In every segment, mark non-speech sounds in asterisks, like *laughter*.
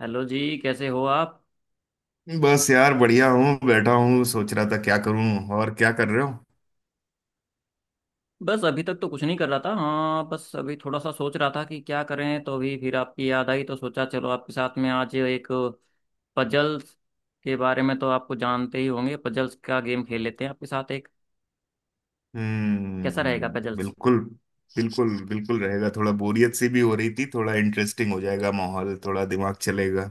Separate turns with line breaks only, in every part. Hello जी, कैसे हो आप।
बस यार बढ़िया हूँ, बैठा हूँ सोच रहा था क्या करूँ। और क्या कर रहे हो?
बस अभी तक तो कुछ नहीं कर रहा था। हाँ, बस अभी थोड़ा सा सोच रहा था कि क्या करें, तो अभी फिर आपकी याद आई तो सोचा चलो आपके साथ में आज एक पजल्स के बारे में तो आपको जानते ही होंगे, पजल्स का गेम खेल लेते हैं आपके साथ एक। कैसा रहेगा
हम्म,
पजल्स?
बिल्कुल। बिल्कुल बिल्कुल रहेगा, थोड़ा बोरियत सी भी हो रही थी, थोड़ा इंटरेस्टिंग हो जाएगा माहौल, थोड़ा दिमाग चलेगा।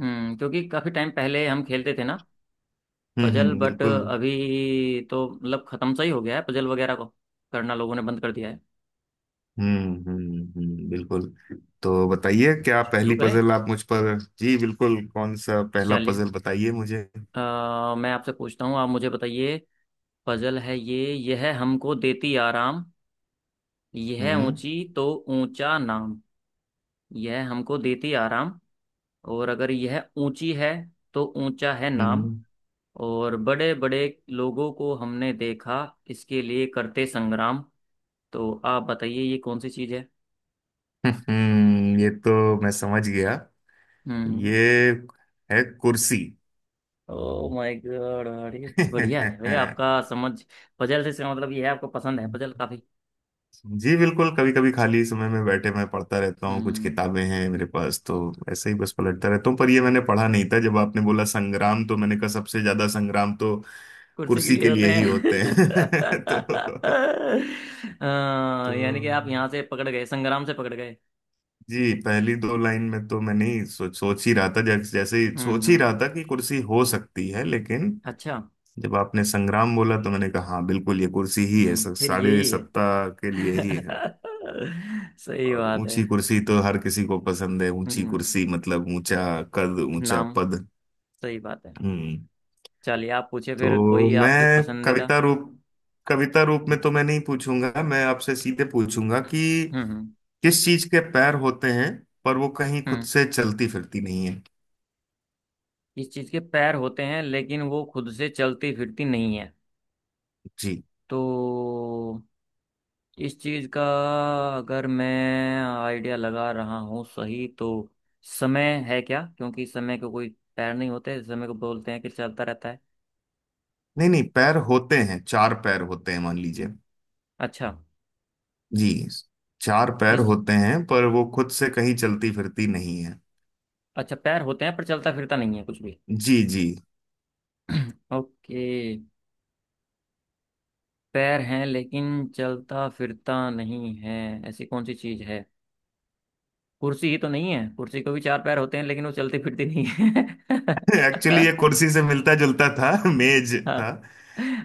क्योंकि काफ़ी टाइम पहले हम खेलते थे ना पजल।
हम्म,
बट
बिल्कुल।
अभी तो मतलब ख़त्म सा ही हो गया है, पजल वगैरह को करना लोगों ने बंद कर दिया है।
बिल्कुल। तो बताइए क्या
शुरू
पहली
करें?
पजल आप मुझ पर। जी बिल्कुल, कौन सा पहला
चलिए।
पजल बताइए मुझे।
अ, मैं आपसे पूछता हूँ, आप मुझे बताइए। पजल है ये: यह हमको देती आराम, यह
हम्म।
ऊंची तो ऊंचा नाम। यह हमको देती आराम, और अगर यह ऊंची है तो ऊंचा है नाम।
हम्म।
और बड़े बड़े लोगों को हमने देखा इसके लिए करते संग्राम। तो आप बताइए ये कौन सी चीज है?
*laughs* ये तो मैं समझ गया।
हम्म।
ये है कुर्सी।
Oh my god! अरे बढ़िया है भैया
*laughs*
आपका समझ। पजल से इसका मतलब ये है आपको पसंद है पजल काफी।
जी बिल्कुल, कभी कभी खाली समय में बैठे मैं पढ़ता रहता हूँ, कुछ
हम्म।
किताबें हैं मेरे पास तो ऐसे ही बस पलटता रहता हूँ, पर ये मैंने पढ़ा नहीं था। जब आपने बोला संग्राम तो मैंने कहा सबसे ज्यादा संग्राम तो
कुर्सी के
कुर्सी
लिए
के
होते
लिए ही
हैं।
होते हैं। *laughs*
*laughs*
तो तो
यानी कि आप यहाँ से पकड़ गए, संग्राम से पकड़ गए।
जी, पहली दो लाइन में तो मैं नहीं सोच सोच ही रहा था, जैसे जैसे ही सोच ही
हम्म।
रहा था कि कुर्सी हो सकती है, लेकिन
अच्छा।
जब आपने संग्राम बोला तो मैंने कहा हाँ बिल्कुल ये कुर्सी ही है।
फिर
साढ़े
यही है।
सत्ता के लिए ही है।
*laughs* सही
और
बात है।
ऊंची कुर्सी तो हर किसी को पसंद है,
हम्म
ऊंची
हम्म।
कुर्सी मतलब ऊंचा कद, ऊंचा
नाम।
पद।
सही बात है।
हम्म।
चलिए आप पूछे फिर
तो
कोई आपकी
मैं
पसंदीदा।
कविता रूप, कविता रूप में
हम्म
तो मैं नहीं पूछूंगा, मैं आपसे सीधे पूछूंगा कि
हम्म
किस चीज के पैर होते हैं पर वो कहीं खुद
हम्म।
से चलती फिरती नहीं है।
इस चीज के पैर होते हैं लेकिन वो खुद से चलती फिरती नहीं है।
जी।
तो इस चीज का अगर मैं आइडिया लगा रहा हूँ सही तो, समय है क्या? क्योंकि समय को कोई पैर नहीं होते, समय को बोलते हैं कि चलता रहता है।
नहीं नहीं, पैर होते हैं, चार पैर होते हैं मान लीजिए।
अच्छा।
जी, चार पैर
किस…
होते हैं पर वो खुद से कहीं चलती फिरती नहीं है।
अच्छा, पैर होते हैं पर चलता फिरता नहीं है कुछ भी।
जी जी।
ओके। पैर हैं लेकिन चलता फिरता नहीं है, ऐसी कौन सी चीज है? कुर्सी ही तो नहीं है? कुर्सी को भी चार पैर होते हैं लेकिन वो चलती फिरती नहीं है। *laughs*
एक्चुअली ये कुर्सी से मिलता जुलता था, मेज
हाँ।
था।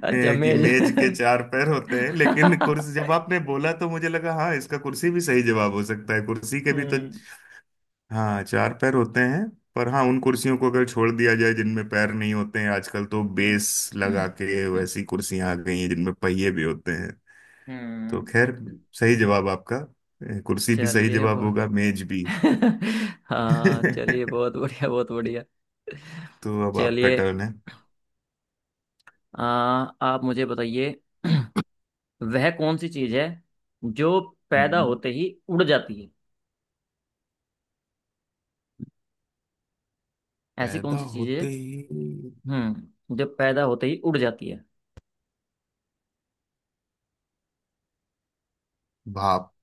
अच्छा,
कि
मेज।
मेज के चार पैर होते हैं, लेकिन
*laughs*
कुर्सी जब आपने बोला तो मुझे लगा हाँ, इसका कुर्सी भी सही जवाब हो सकता है, कुर्सी के भी तो
हम्म
हाँ चार पैर होते हैं। पर हाँ उन कुर्सियों को अगर छोड़ दिया जाए जिनमें पैर नहीं होते हैं, आजकल तो
हम्म
बेस लगा के वैसी कुर्सियां आ गई हैं जिनमें पहिए भी होते हैं। तो
हम्म,
खैर, सही जवाब आपका, कुर्सी भी सही
चलिए
जवाब
बहुत…
होगा, मेज भी।
*laughs* हाँ चलिए
*laughs*
बहुत बढ़िया, बहुत बढ़िया।
तो अब आपका
चलिए।
टर्न।
आ, आप मुझे बताइए। *clears throat* वह कौन सी चीज है जो पैदा
है,
होते ही उड़ जाती है? ऐसी कौन
पैदा
सी चीज है,
होते ही,
हम्म, जो पैदा होते ही उड़ जाती है?
भाप।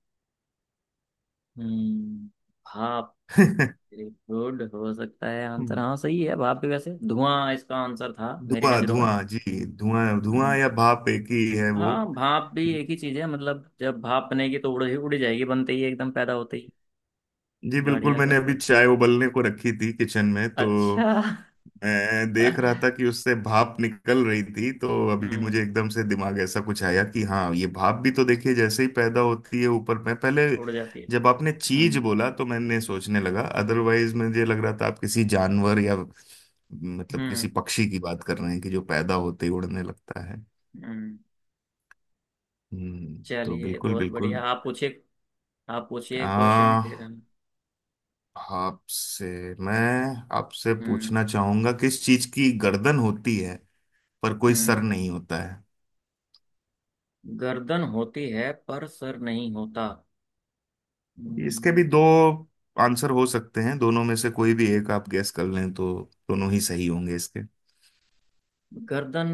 हम्म। भाप?
*laughs*
वेरी गुड, हो सकता है आंसर। हाँ सही है भाप भी, वैसे धुआं इसका आंसर था मेरी
धुआं
नजरों में।
धुआं जी, धुआं धुआं
हम्म,
या भाप एक ही है वो।
हाँ भाप भी एक ही चीज है, मतलब जब भाप बनेगी तो उड़ उड़ जाएगी, बनते ही एकदम, पैदा होते ही।
जी बिल्कुल,
बढ़िया
मैंने
सर
अभी
बढ़िया।
चाय उबलने को रखी थी किचन में, तो
अच्छा।
मैं देख रहा था कि
*laughs*
उससे भाप निकल रही थी, तो अभी मुझे
हम्म।
एकदम से दिमाग ऐसा कुछ आया कि हाँ ये भाप भी तो देखिए जैसे ही पैदा होती है ऊपर में पहले।
उड़ जाती है।
जब आपने चीज
हम्म
बोला तो मैंने सोचने लगा, अदरवाइज मुझे लग रहा था आप किसी जानवर या मतलब किसी
हम्म।
पक्षी की बात कर रहे हैं कि जो पैदा होते ही उड़ने लगता है।
हम्म।
हम्म, तो
चलिए
बिल्कुल
बहुत बढ़िया,
बिल्कुल।
आप पूछिए, आप पूछिए क्वेश्चन
आ
फिर
आपसे मैं आपसे
हम्म।
पूछना चाहूंगा, किस चीज की गर्दन होती है पर कोई
हम्म।
सर नहीं होता है।
गर्दन होती है पर सर नहीं होता।
इसके भी
हम्म,
दो आंसर हो सकते हैं, दोनों में से कोई भी एक आप गैस कर लें तो दोनों ही सही होंगे इसके।
गर्दन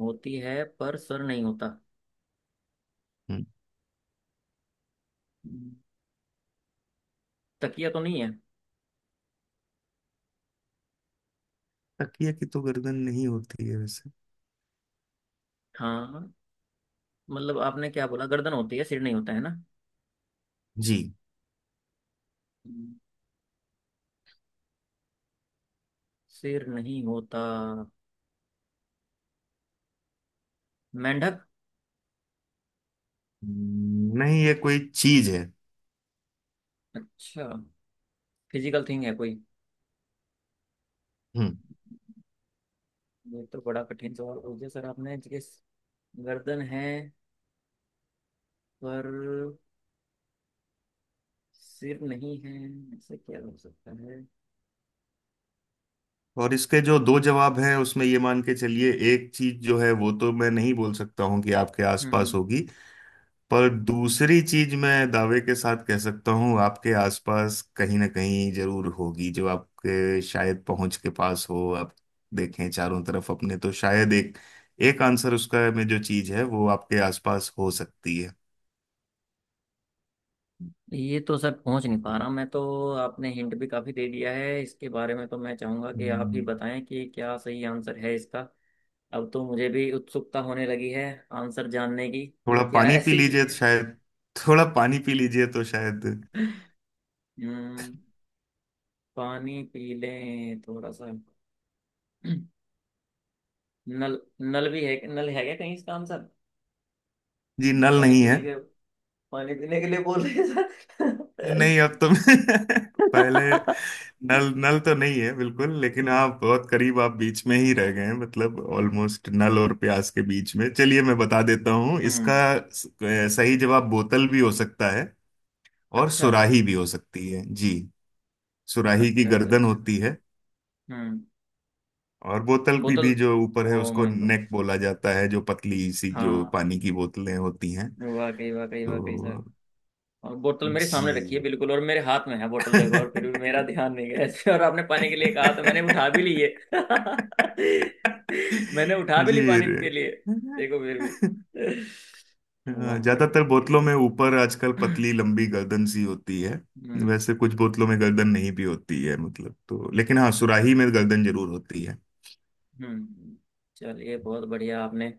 होती है पर सर नहीं होता,
हम्म।
हम्म, तकिया तो नहीं है?
तकिया की तो गर्दन नहीं होती है वैसे।
हाँ, मतलब आपने क्या बोला, गर्दन होती है सिर नहीं होता है
जी।
ना? सिर नहीं होता। मेंढक?
नहीं ये कोई चीज है।
अच्छा, फिजिकल थिंग है कोई?
हम्म।
ये तो बड़ा कठिन सवाल पूछ दिया सर आपने जिस… गर्दन है पर सिर नहीं है, ऐसा क्या हो सकता है?
और इसके जो दो जवाब हैं उसमें ये मान के चलिए, एक चीज जो है वो तो मैं नहीं बोल सकता हूं कि आपके आसपास
हम्म।
होगी, पर दूसरी चीज मैं दावे के साथ कह सकता हूँ आपके आसपास कहीं ना कहीं जरूर होगी, जो आपके शायद पहुंच के पास हो। आप देखें चारों तरफ अपने, तो शायद एक, एक आंसर उसका में जो चीज है वो आपके आसपास हो सकती है।
ये तो सर पहुंच नहीं पा रहा मैं तो। आपने हिंट भी काफी दे दिया है इसके बारे में, तो मैं चाहूंगा कि आप ही
हम्म।
बताएं कि क्या सही आंसर है इसका। अब तो मुझे भी उत्सुकता होने लगी है आंसर जानने की कि
थोड़ा
क्या *laughs*
पानी पी
ऐसी चीज
लीजिए तो
है।
शायद। थोड़ा पानी पी लीजिए तो शायद।
हम्म। पानी पी लें थोड़ा सा। नल? नल भी है, नल है क्या कहीं इसका आंसर?
जी, नल
पानी
नहीं है।
पीने के… पानी पीने के लिए बोल रहे हैं सर?
नहीं, अब तो *laughs* पहले
*laughs*
नल नल तो नहीं है बिल्कुल, लेकिन
हम्म।
हाँ बहुत करीब, आप बीच में ही रह गए हैं। मतलब ऑलमोस्ट नल और प्यास के बीच में। चलिए मैं बता देता हूँ
हम्म,
इसका सही जवाब, बोतल भी हो सकता है और
अच्छा
सुराही भी हो सकती है जी। सुराही की
अच्छा अच्छा।
गर्दन
अच्छा।
होती है।
हम्म।
और बोतल की
बोतल?
भी जो ऊपर है
ओ
उसको
माय गॉड!
नेक बोला जाता है, जो पतली सी जो
हाँ!
पानी की बोतलें होती हैं।
वाकई वाकई वाकई सर।
तो
और बोतल मेरे सामने रखी है
जी।
बिल्कुल, और मेरे हाथ में है बोतल देखो, और फिर भी मेरा
*laughs*
ध्यान नहीं गया इसमें, और आपने पानी के लिए कहा तो मैंने उठा भी ली है।
*laughs*
*laughs* मैंने उठा भी ली
जी
पानी
रे।
के लिए, देखो फिर भी। वाह
हाँ,
भाई
ज्यादातर
वाह,
बोतलों
बिल्कुल।
में ऊपर आजकल
हम्म।
पतली लंबी गर्दन सी होती है। वैसे कुछ बोतलों में गर्दन नहीं भी होती है मतलब, तो लेकिन हाँ सुराही में गर्दन जरूर होती है।
हम्म। चलिए बहुत बढ़िया आपने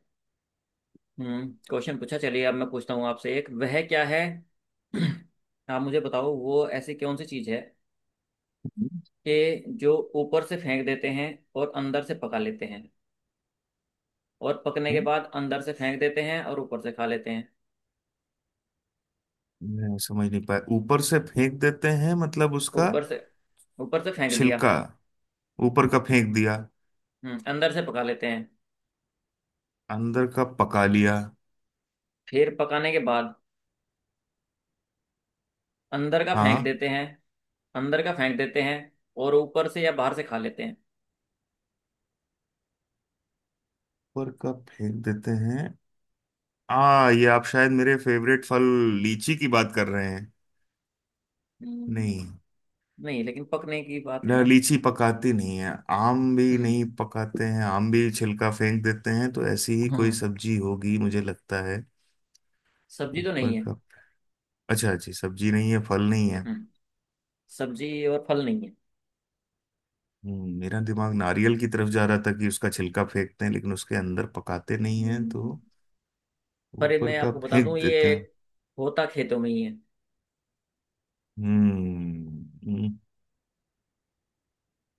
क्वेश्चन पूछा, चलिए अब मैं पूछता हूँ आपसे एक, वह क्या है। *clears throat* आप मुझे बताओ वो ऐसी कौन सी चीज़ है कि जो ऊपर से फेंक देते हैं और अंदर से पका लेते हैं और पकने के
हम्म,
बाद अंदर से फेंक देते हैं और ऊपर से खा लेते हैं।
मैं समझ नहीं पाया ऊपर से फेंक देते हैं मतलब उसका।
ऊपर से, ऊपर से फेंक दिया।
छिलका, ऊपर का फेंक दिया।
हम्म, अंदर से पका लेते हैं।
अंदर का पका लिया।
फिर पकाने के बाद अंदर का फेंक
हाँ।
देते हैं, अंदर का फेंक देते हैं, और ऊपर से या बाहर से खा लेते हैं।
ऊपर का फेंक देते हैं। आ, ये आप शायद मेरे फेवरेट फल लीची की बात कर रहे हैं। नहीं,
हम्म, नहीं लेकिन पकने की बात है ना?
लीची पकाती नहीं है। आम भी
हम्म।
नहीं पकाते हैं, आम भी छिलका फेंक देते हैं, तो ऐसी ही कोई
हम्म।
सब्जी होगी मुझे लगता है।
सब्जी तो
ऊपर
नहीं है।
का। अच्छा जी, सब्जी नहीं है फल नहीं है।
हम्म। सब्जी और फल नहीं है।
मेरा दिमाग नारियल की तरफ जा रहा था कि उसका छिलका फेंकते हैं लेकिन उसके अंदर पकाते नहीं हैं तो।
हम्म। पर ये
ऊपर
मैं
का
आपको बता दूं,
फेंक देते
ये
हैं।
होता खेतों में ही है।
हम्म हम्म,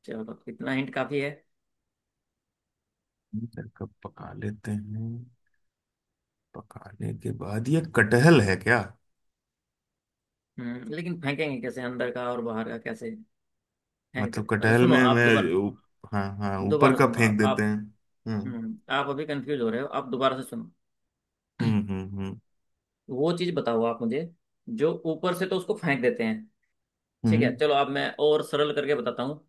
चलो तो इतना हिंट काफी है।
अंदर का पका लेते हैं, पकाने के बाद, ये कटहल है क्या?
हम्म, लेकिन फेंकेंगे कैसे अंदर का और बाहर का, कैसे है
मतलब
इधर? मतलब
कटहल
सुनो
में
आप
मैं
दोबारा,
ऊ- हाँ हाँ, ऊपर
दोबारा
का
सुनो आप
फेंक देते
आप
हैं। हम्म।
आप अभी कंफ्यूज हो रहे हो, आप दोबारा से सुनो। *clears throat*
हम्म। हम्म।
वो चीज बताओ आप मुझे, जो ऊपर से तो उसको फेंक देते हैं। ठीक है
हम्म।
चलो अब मैं और सरल करके बताता हूँ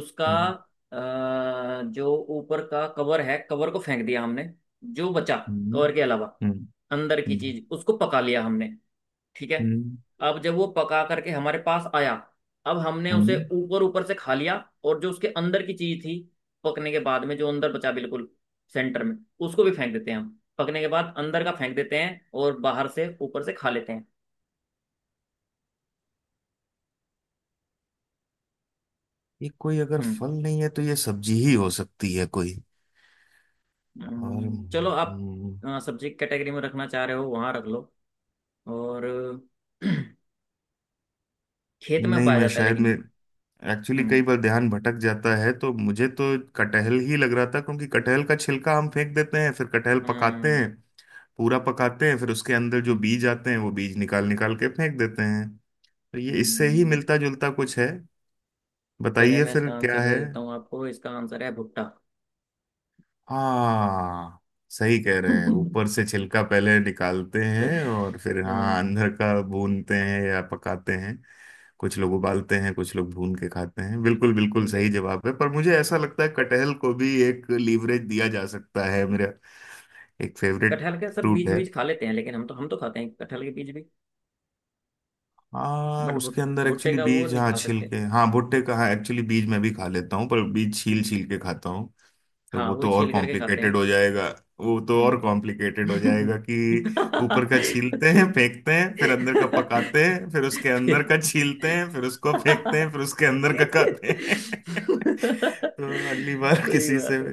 उसका।
हम्म।
जो ऊपर का कवर है, कवर को फेंक दिया हमने। जो बचा
हम्म।
कवर के अलावा
हम्म। हम्म।
अंदर की चीज, उसको पका लिया हमने। ठीक है?
हम्म,
अब जब वो पका करके हमारे पास आया, अब हमने उसे
हम्म।
ऊपर, ऊपर से खा लिया, और जो उसके अंदर की चीज थी, पकने के बाद में जो अंदर बचा, बिल्कुल सेंटर में, उसको भी फेंक देते हैं हम पकने के बाद, अंदर का फेंक देते हैं और बाहर से ऊपर से खा लेते हैं।
ये कोई अगर
हम्म,
फल नहीं है तो ये सब्जी ही हो सकती है कोई। और
चलो आप, सब्जी कैटेगरी में रखना चाह रहे हो वहां रख लो। और *clears throat* खेत में
नहीं,
उगाया
मैं
जाता है
शायद
लेकिन
मैं
ये।
एक्चुअली कई
हम्म
बार ध्यान भटक जाता है, तो मुझे तो कटहल ही लग रहा था, क्योंकि कटहल का छिलका हम फेंक देते हैं, फिर कटहल पकाते
हम्म
हैं, पूरा पकाते हैं, फिर उसके अंदर जो
हम्म।
बीज आते हैं वो बीज निकाल निकाल के फेंक देते हैं, तो ये इससे ही
हम्म।
मिलता जुलता कुछ है।
चले
बताइए
मैं
फिर
इसका
क्या
आंसर दे
है।
देता हूँ आपको, इसका आंसर है भुट्टा।
हाँ, सही कह रहे हैं, ऊपर से
*laughs*
छिलका पहले निकालते हैं और फिर हाँ
हम्म।
अंदर का भूनते हैं या पकाते हैं। कुछ लोग उबालते हैं, कुछ लोग भून के खाते हैं, बिल्कुल बिल्कुल सही
बिल-
जवाब है। पर मुझे ऐसा लगता है कटहल को भी एक लीवरेज दिया जा सकता है, मेरा एक फेवरेट
कटहल के सर
फ्रूट
बीज,
है।
बीज खा लेते हैं लेकिन हम तो खाते हैं कटहल के बीज भी।
हाँ,
बट
उसके अंदर
भुट्टे
एक्चुअली
का वो
बीज,
नहीं
हाँ
खा
छील
सकते।
के, हाँ भुट्टे का, हाँ एक्चुअली बीज मैं भी खा लेता हूँ पर बीज छील
हम्म।
छील के खाता हूँ। तो
हाँ
वो
वो
तो और
छील करके खाते हैं।
कॉम्प्लिकेटेड हो जाएगा। वो तो और कॉम्प्लिकेटेड हो
हम्म।
जाएगा कि ऊपर का
*laughs*
छीलते
छी-
हैं फेंकते हैं, फिर अंदर का पकाते हैं, फिर उसके
*laughs*
अंदर
फिर-
का छीलते हैं, फिर उसको फेंकते हैं,
*laughs*
फिर उसके अंदर का खाते हैं। *laughs* तो अगली बार
सही
किसी से
बात है।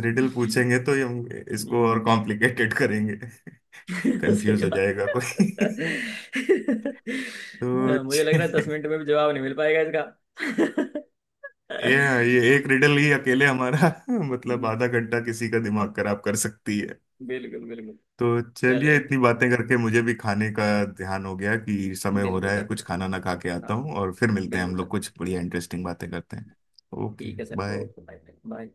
रिडल पूछेंगे तो ये हम इसको और
हम्म।
कॉम्प्लिकेटेड करेंगे। *laughs*
*laughs*
कंफ्यूज
सही
हो
बात।
जाएगा
हाँ,
कोई। *laughs* तो
मुझे लग रहा है 10 मिनट में भी जवाब नहीं मिल पाएगा इसका।
ये ये एक रिडल ही अकेले हमारा, *laughs* मतलब
हम्म,
आधा घंटा किसी का दिमाग खराब कर सकती है।
बिल्कुल बिल्कुल।
तो चलिए,
चलिए
इतनी बातें करके मुझे भी खाने का ध्यान हो गया कि समय हो
बिल्कुल
रहा है,
सर
कुछ
बिल्कुल।
खाना ना खा के
हाँ।
आता हूँ और फिर मिलते हैं
बिल्कुल
हम
सर।
लोग, कुछ बढ़िया इंटरेस्टिंग बातें करते हैं। ओके
ठीक है sir
bye.
Okay bye. Bye.